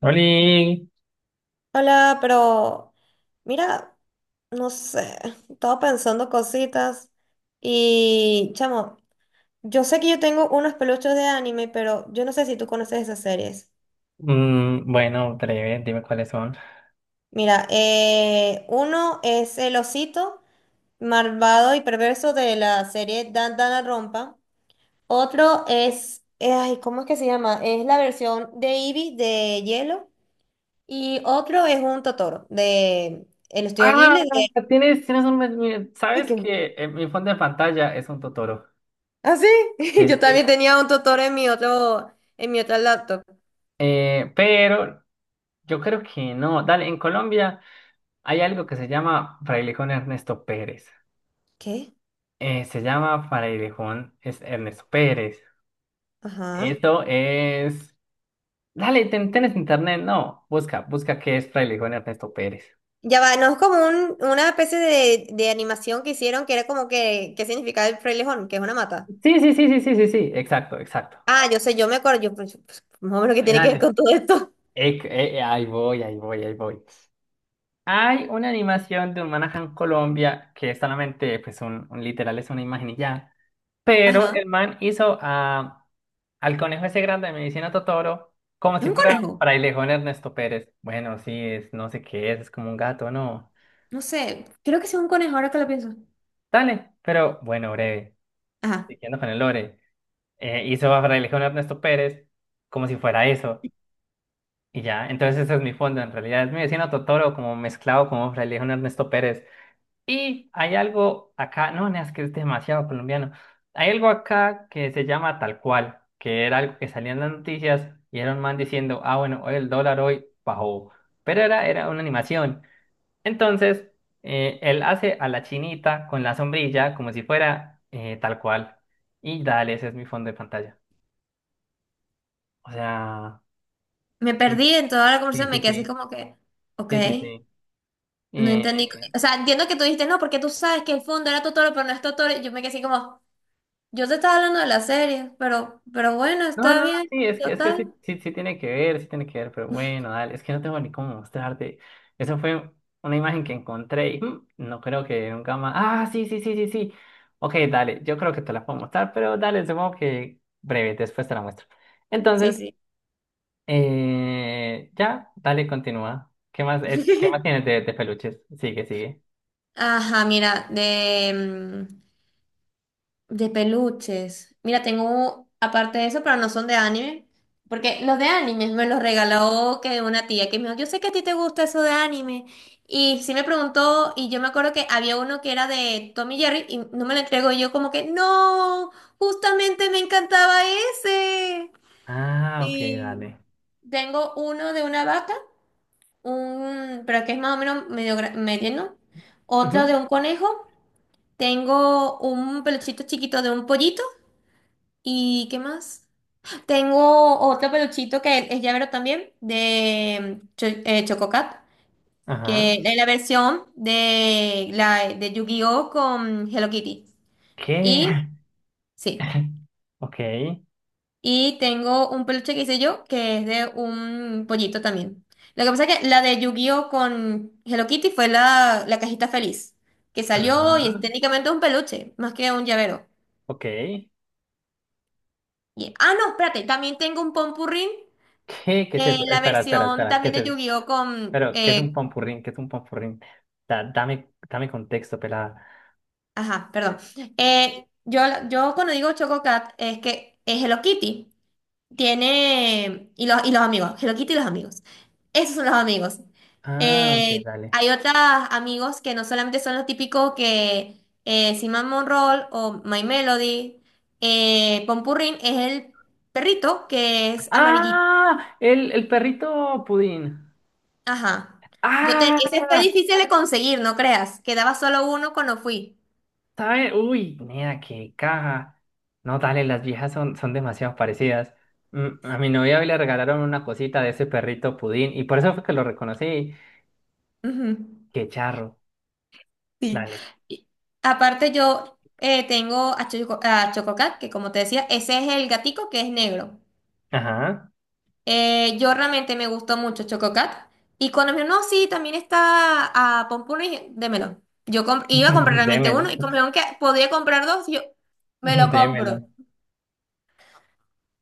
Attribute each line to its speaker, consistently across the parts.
Speaker 1: Oli,
Speaker 2: Hola, pero mira, no sé, estaba pensando cositas y chamo, yo sé que yo tengo unos peluches de anime, pero yo no sé si tú conoces esas series.
Speaker 1: mm, bueno, breve, dime cuáles son.
Speaker 2: Mira, uno es el osito malvado y perverso de la serie Dan Rompa. Otro es, ay, ¿cómo es que se llama? Es la versión de Eevee de Hielo. Y otro es un Totoro de el estudio
Speaker 1: Ah,
Speaker 2: Ghibli de...
Speaker 1: tienes un,
Speaker 2: Ay,
Speaker 1: sabes
Speaker 2: qué.
Speaker 1: que mi fondo de pantalla es un Totoro.
Speaker 2: Ah, sí,
Speaker 1: Sí,
Speaker 2: yo
Speaker 1: sí,
Speaker 2: también
Speaker 1: sí.
Speaker 2: tenía un tutor en mi otro, en mi otra laptop.
Speaker 1: Pero yo creo que no. Dale, en Colombia hay algo que se llama Frailejón Ernesto Pérez.
Speaker 2: ¿Qué?
Speaker 1: Se llama Frailejón es Ernesto Pérez.
Speaker 2: Ajá.
Speaker 1: Esto es. Dale, tienes internet, no. Busca, busca qué es Frailejón Ernesto Pérez.
Speaker 2: Ya va, no es como una especie de animación que hicieron que era como que, ¿qué significa el frailejón? Que es una mata.
Speaker 1: Sí, sí, sí, sí, sí, sí, sí. Exacto, exacto.
Speaker 2: Ah, yo sé, yo me acuerdo, yo, pues, más o menos qué tiene que ver
Speaker 1: Dale.
Speaker 2: con todo esto.
Speaker 1: Ahí voy, ahí voy, ahí voy. Hay una animación de un Manahan Colombia que es solamente, pues, un literal es una imagen y ya. Pero
Speaker 2: Ajá.
Speaker 1: el man hizo a, al conejo ese grande de Medicina Totoro como
Speaker 2: Es
Speaker 1: si
Speaker 2: un
Speaker 1: fuera
Speaker 2: conejo.
Speaker 1: frailejón Ernesto Pérez. Bueno, sí, es, no sé qué es como un gato, ¿no?
Speaker 2: No sé, creo que sí es un conejo ahora que lo pienso.
Speaker 1: Dale, pero bueno, breve.
Speaker 2: Ajá.
Speaker 1: Siguiendo con el lore. Hizo a frailejón Ernesto Pérez como si fuera eso. Y ya, entonces ese es mi fondo. En realidad es Medicina Totoro como mezclado como frailejón Ernesto Pérez. Y hay algo acá, no, no, es que es demasiado colombiano. Hay algo acá que se llama tal cual, que era algo que salía en las noticias y era un man diciendo, ah, bueno, hoy el dólar hoy bajó. Pero era, una animación. Entonces, él hace a la chinita con la sombrilla como si fuera tal cual. Y dale, ese es mi fondo de pantalla. O sea,
Speaker 2: Me
Speaker 1: sí,
Speaker 2: perdí en toda la
Speaker 1: sí,
Speaker 2: conversación, me
Speaker 1: sí,
Speaker 2: quedé así
Speaker 1: sí,
Speaker 2: como que, ok,
Speaker 1: sí, sí, sí.
Speaker 2: no entendí.
Speaker 1: Eh,
Speaker 2: O sea, entiendo que tú dijiste, no, porque tú sabes que el fondo era Totoro, pero no es Totoro. Y yo me quedé así como... Yo te estaba hablando de la serie, pero bueno,
Speaker 1: no,
Speaker 2: está
Speaker 1: no,
Speaker 2: bien,
Speaker 1: sí, es que
Speaker 2: total.
Speaker 1: sí, sí, sí tiene que ver, sí tiene que ver, pero bueno, dale, es que no tengo ni cómo mostrarte. Eso fue una imagen que encontré y mm, no creo que nunca más. Ah, sí, sí, sí, sí, sí. Ok, dale, yo creo que te la puedo mostrar, pero dale, supongo que breve, después te la muestro.
Speaker 2: Sí,
Speaker 1: Entonces,
Speaker 2: sí.
Speaker 1: ya, dale, continúa. Qué más tienes de peluches? Sigue, sigue.
Speaker 2: Ajá, mira, de, de peluches. Mira, tengo, aparte de eso, pero no son de anime. Porque los de anime me los regaló que una tía que me dijo, yo sé que a ti te gusta eso de anime. Y sí me preguntó, y yo me acuerdo que había uno que era de Tommy Jerry y no me lo entregó y yo como que, no, justamente me encantaba ese.
Speaker 1: Ah, ok,
Speaker 2: Y
Speaker 1: dale.
Speaker 2: tengo uno de una vaca un, pero que es más o menos medio medio, ¿no? Otra
Speaker 1: Ujú.
Speaker 2: de un conejo. Tengo un peluchito chiquito de un pollito. ¿Y qué más? Tengo otro peluchito que es llavero también, de Chococat, que
Speaker 1: Ajá,
Speaker 2: es la versión la, de Yu-Gi-Oh! Con Hello Kitty.
Speaker 1: ¿qué?
Speaker 2: Y sí.
Speaker 1: Ok,
Speaker 2: Y tengo un peluche que hice yo, que es de un pollito también. Lo que pasa es que la de Yu-Gi-Oh con Hello Kitty fue la cajita feliz, que salió y es
Speaker 1: ajá,
Speaker 2: técnicamente un peluche, más que un llavero.
Speaker 1: ok.
Speaker 2: Y ah, no, espérate, también tengo un Pompurrín,
Speaker 1: ¿Qué? ¿Qué es eso?
Speaker 2: la
Speaker 1: Espera, espera,
Speaker 2: versión
Speaker 1: espera. ¿Qué
Speaker 2: también
Speaker 1: es
Speaker 2: de
Speaker 1: eso?
Speaker 2: Yu-Gi-Oh con...
Speaker 1: Pero, ¿qué es un pampurrín? ¿Qué es un pampurrín? Dame, dame contexto, pelada.
Speaker 2: ajá, perdón. Eh, yo, yo cuando digo Chococat es que es Hello Kitty. Tiene. Y los amigos. Hello Kitty y los amigos. Esos son los amigos.
Speaker 1: Ah, ok,
Speaker 2: Eh,
Speaker 1: dale.
Speaker 2: hay otros amigos que no solamente son los típicos que Cinnamon Roll o My Melody. Pompurrín es el perrito que es amarillito.
Speaker 1: ¡Ah! El perrito pudín.
Speaker 2: Ajá. Yo te,
Speaker 1: ¡Ah!
Speaker 2: ese fue difícil de conseguir, no creas. Quedaba solo uno cuando fui.
Speaker 1: ¿Sabe? Uy, nena, qué caja. No, dale, las viejas son demasiado parecidas. Mm, a mi novia hoy le regalaron una cosita de ese perrito pudín y por eso fue que lo reconocí.
Speaker 2: Ujú.
Speaker 1: ¡Qué charro!
Speaker 2: Sí.
Speaker 1: Dale.
Speaker 2: Y aparte, yo tengo a Choco, a Chococat, que como te decía, ese es el gatico que es negro.
Speaker 1: Ajá.
Speaker 2: Yo realmente me gustó mucho Chococat. Y cuando me dijo, no, sí, también está a Pompuno y dije, démelo. Yo iba a comprar realmente
Speaker 1: Démelo.
Speaker 2: uno y como vieron que podía comprar dos, y yo me lo
Speaker 1: Démelo.
Speaker 2: compro.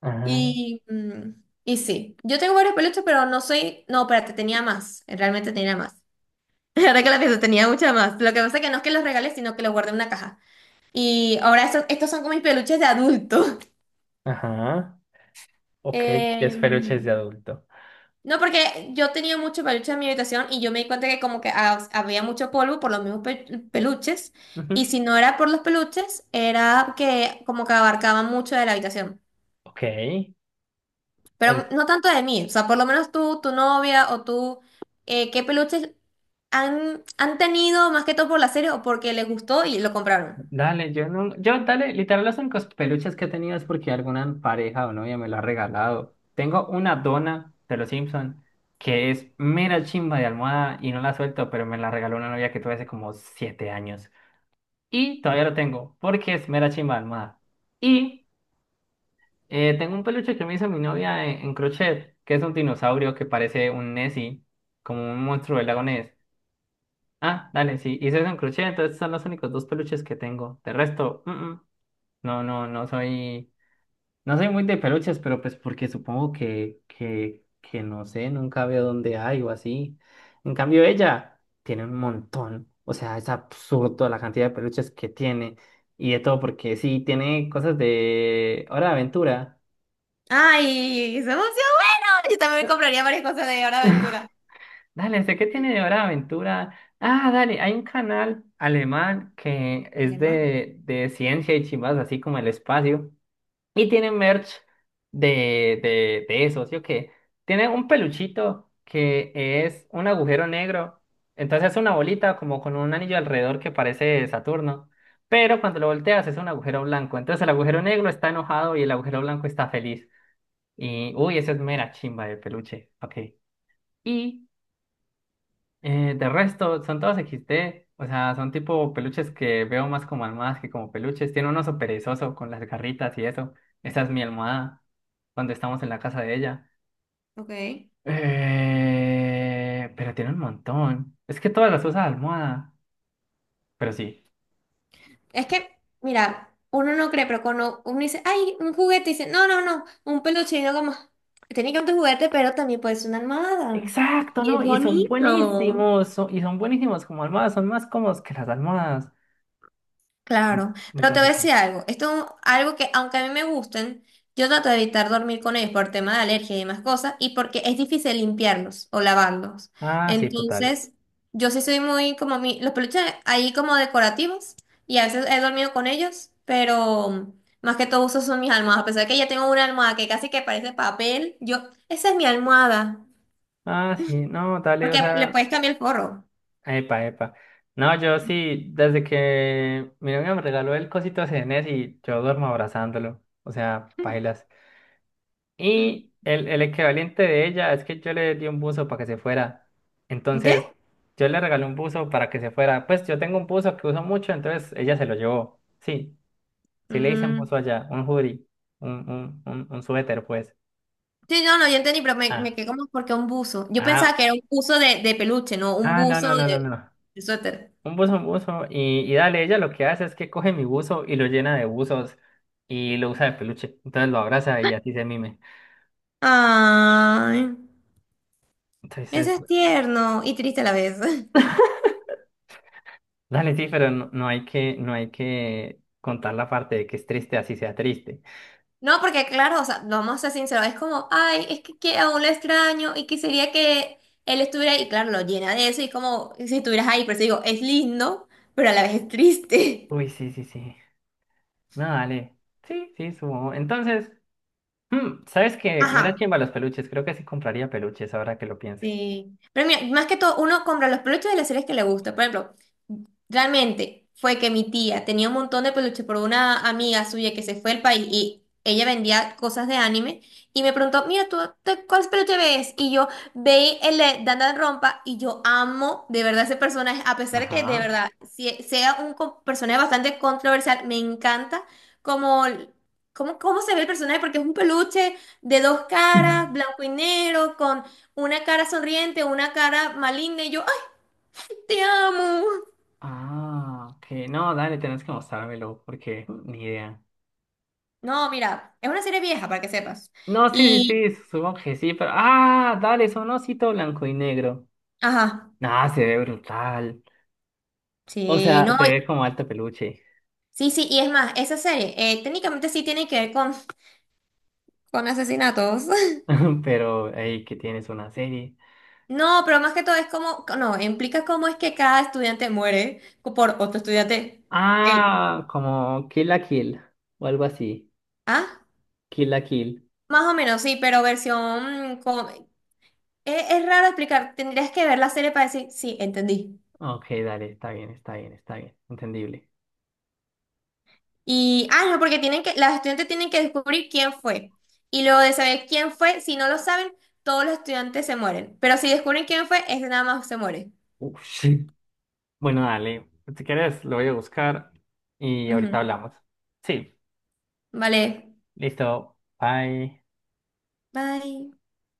Speaker 1: Ajá.
Speaker 2: Y, y sí, yo tengo varios peluches, pero no soy. No, espérate, tenía más. Realmente tenía más. Ahora que la pienso, tenía mucha más. Lo que pasa es que no es que los regales, sino que los guardé en una caja. Y ahora estos, estos son como mis peluches de adulto.
Speaker 1: Ajá. Ok, ya es peluches de
Speaker 2: Em,
Speaker 1: adulto.
Speaker 2: no, porque yo tenía mucho peluche en mi habitación y yo me di cuenta que como que había mucho polvo por los mismos peluches y
Speaker 1: Ujú,
Speaker 2: si no era por los peluches era que como que abarcaba mucho de la habitación,
Speaker 1: ok.
Speaker 2: pero
Speaker 1: En-
Speaker 2: no tanto de mí, o sea, por lo menos tú, tu novia o tú, ¿qué peluches han tenido más que todo por la serie o porque les gustó y lo compraron?
Speaker 1: Dale, yo no. Yo, dale, literal, los únicos peluches que he tenido es porque alguna pareja o novia me lo ha regalado. Tengo una dona de los Simpson que es mera chimba de almohada y no la suelto, pero me la regaló una novia que tuve hace como 7 años. Y todavía lo tengo porque es mera chimba de almohada. Y tengo un peluche que me hizo mi novia en crochet, que es un dinosaurio que parece un Nessie, como un monstruo del lago. Ah, dale, sí. Y soy un crochet, entonces son los únicos dos peluches que tengo. De resto, mm, mm. No, no, no soy. No soy muy de peluches, pero pues porque supongo que no sé, nunca veo dónde hay o así. En cambio, ella tiene un montón. O sea, es absurdo la cantidad de peluches que tiene. Y de todo, porque sí, tiene cosas de Hora de Aventura.
Speaker 2: ¡Ay! ¡Se emocionó! Bueno, yo también compraría varias cosas de Hora de Aventura.
Speaker 1: Dale, sé que tiene de Hora de Aventura. Ah, dale, hay un canal alemán que es
Speaker 2: Alemana.
Speaker 1: de ciencia y chimbas, así como el espacio. Y tiene merch de eso, ¿sí o qué? Tiene un peluchito que es un agujero negro. Entonces es una bolita como con un anillo alrededor que parece Saturno. Pero cuando lo volteas es un agujero blanco. Entonces el agujero negro está enojado y el agujero blanco está feliz. Y, uy, eso es mera chimba de peluche. Ok. Y de resto, son todos XD, o sea, son tipo peluches que veo más como almohadas que como peluches. Tiene un oso perezoso con las garritas y eso. Esa es mi almohada, cuando estamos en la casa de ella.
Speaker 2: Ok.
Speaker 1: Pero tiene un montón. Es que todas las usa de almohada, pero sí.
Speaker 2: Es que, mira, uno no cree, pero cuando uno dice, ay, un juguete, dice, no, no, no, un peluche, y yo como, tiene que ser un juguete, pero también puede ser una almohada.
Speaker 1: Exacto,
Speaker 2: Y
Speaker 1: ¿no?
Speaker 2: es
Speaker 1: Y son
Speaker 2: bonito.
Speaker 1: buenísimos, son- y son buenísimos como almohadas, son más cómodos que las almohadas.
Speaker 2: Claro, pero te voy
Speaker 1: Entonces,
Speaker 2: a decir algo, esto es un- algo que aunque a mí me gusten, yo trato de evitar dormir con ellos por tema de alergia y demás cosas, y porque es difícil limpiarlos o lavarlos.
Speaker 1: ah, sí, total.
Speaker 2: Entonces, yo sí soy muy como mi, los peluches ahí como decorativos, y a veces he dormido con ellos, pero más que todo uso son mis almohadas, a pesar de que ya tengo una almohada que casi que parece papel, yo, esa es mi almohada,
Speaker 1: Ah, sí, no, dale, o
Speaker 2: porque le
Speaker 1: sea.
Speaker 2: puedes cambiar el forro.
Speaker 1: Epa, epa. No, yo sí, desde que mi novia me regaló el cosito CNS y yo duermo abrazándolo. O sea, pailas. Y el equivalente de ella es que yo le di un buzo para que se fuera.
Speaker 2: ¿Qué?
Speaker 1: Entonces, yo le regalé un buzo para que se fuera. Pues yo tengo un buzo que uso mucho, entonces ella se lo llevó. Sí, sí le hice un
Speaker 2: Mm.
Speaker 1: buzo allá, un hoodie, un suéter, pues.
Speaker 2: Sí, no, no, yo entendí, pero me
Speaker 1: Ah,
Speaker 2: quedé como porque un buzo. Yo pensaba
Speaker 1: ah,
Speaker 2: que era un buzo de peluche, no, un
Speaker 1: ah, no,
Speaker 2: buzo
Speaker 1: no, no, no, no.
Speaker 2: de suéter.
Speaker 1: Un buzo, un buzo. Y dale, ella lo que hace es que coge mi buzo y lo llena de buzos y lo usa de peluche. Entonces lo abraza y así se mime.
Speaker 2: Ay,
Speaker 1: Entonces,
Speaker 2: ese es tierno y triste a la vez.
Speaker 1: dale, sí, pero no, no hay que, no hay que contar la parte de que es triste, así sea triste.
Speaker 2: No, porque claro, o sea, no vamos a ser sinceros, es como, ay, es que aún lo extraño y quisiera que él estuviera ahí. Y claro, lo llena de eso y es como si estuvieras ahí, pero eso digo, es lindo, pero a la vez es triste.
Speaker 1: Uy, sí, sí, sí. No, dale. Sí, sí, subo. Entonces, mm, ¿sabes qué? Me la
Speaker 2: Ajá.
Speaker 1: chimba los peluches. Creo que sí compraría peluches ahora que lo pienso.
Speaker 2: Sí, pero mira, más que todo, uno compra los peluches de las series que le gusta. Por ejemplo, realmente fue que mi tía tenía un montón de peluches por una amiga suya que se fue al país y ella vendía cosas de anime y me preguntó, mira, ¿tú cuál peluche ves? Y yo veí el de Dandan Rompa y yo amo de verdad ese personaje, a pesar de que de
Speaker 1: Ajá.
Speaker 2: verdad sea un personaje bastante controversial, me encanta como... Cómo, cómo se ve el personaje, porque es un peluche de dos caras, blanco y negro, con una cara sonriente, una cara maligna y yo, ay, te amo.
Speaker 1: Ah, ok. No, dale, tenés que mostrármelo porque ni idea.
Speaker 2: No, mira, es una serie vieja para que sepas.
Speaker 1: No, sí,
Speaker 2: Y,
Speaker 1: sí, sí, supongo que sí, pero. Ah, dale, son osito blanco y negro.
Speaker 2: ajá,
Speaker 1: Nah, se ve brutal. O
Speaker 2: sí,
Speaker 1: sea,
Speaker 2: no,
Speaker 1: se
Speaker 2: y-
Speaker 1: ve como alto peluche.
Speaker 2: sí, sí, y es más, esa serie técnicamente sí tiene que ver con asesinatos.
Speaker 1: Pero, hey, que tienes una serie.
Speaker 2: No, pero más que todo es como, no, implica cómo es que cada estudiante muere por otro estudiante. El,
Speaker 1: Ah, como Kill la Kill o algo así.
Speaker 2: ¿ah?
Speaker 1: Kill la Kill.
Speaker 2: Más o menos, sí, pero versión... con- es raro explicar, tendrías que ver la serie para decir, sí, entendí.
Speaker 1: Ok, dale, está bien, está bien, está bien. Entendible.
Speaker 2: Y, ah, no, porque tienen que, las estudiantes tienen que descubrir quién fue. Y luego de saber quién fue, si no lo saben, todos los estudiantes se mueren. Pero si descubren quién fue, ese nada más se muere.
Speaker 1: Uf, sí. Bueno, dale. Si quieres, lo voy a buscar y ahorita
Speaker 2: Ujú.
Speaker 1: hablamos. Sí,
Speaker 2: Vale.
Speaker 1: listo. Bye.
Speaker 2: Bye.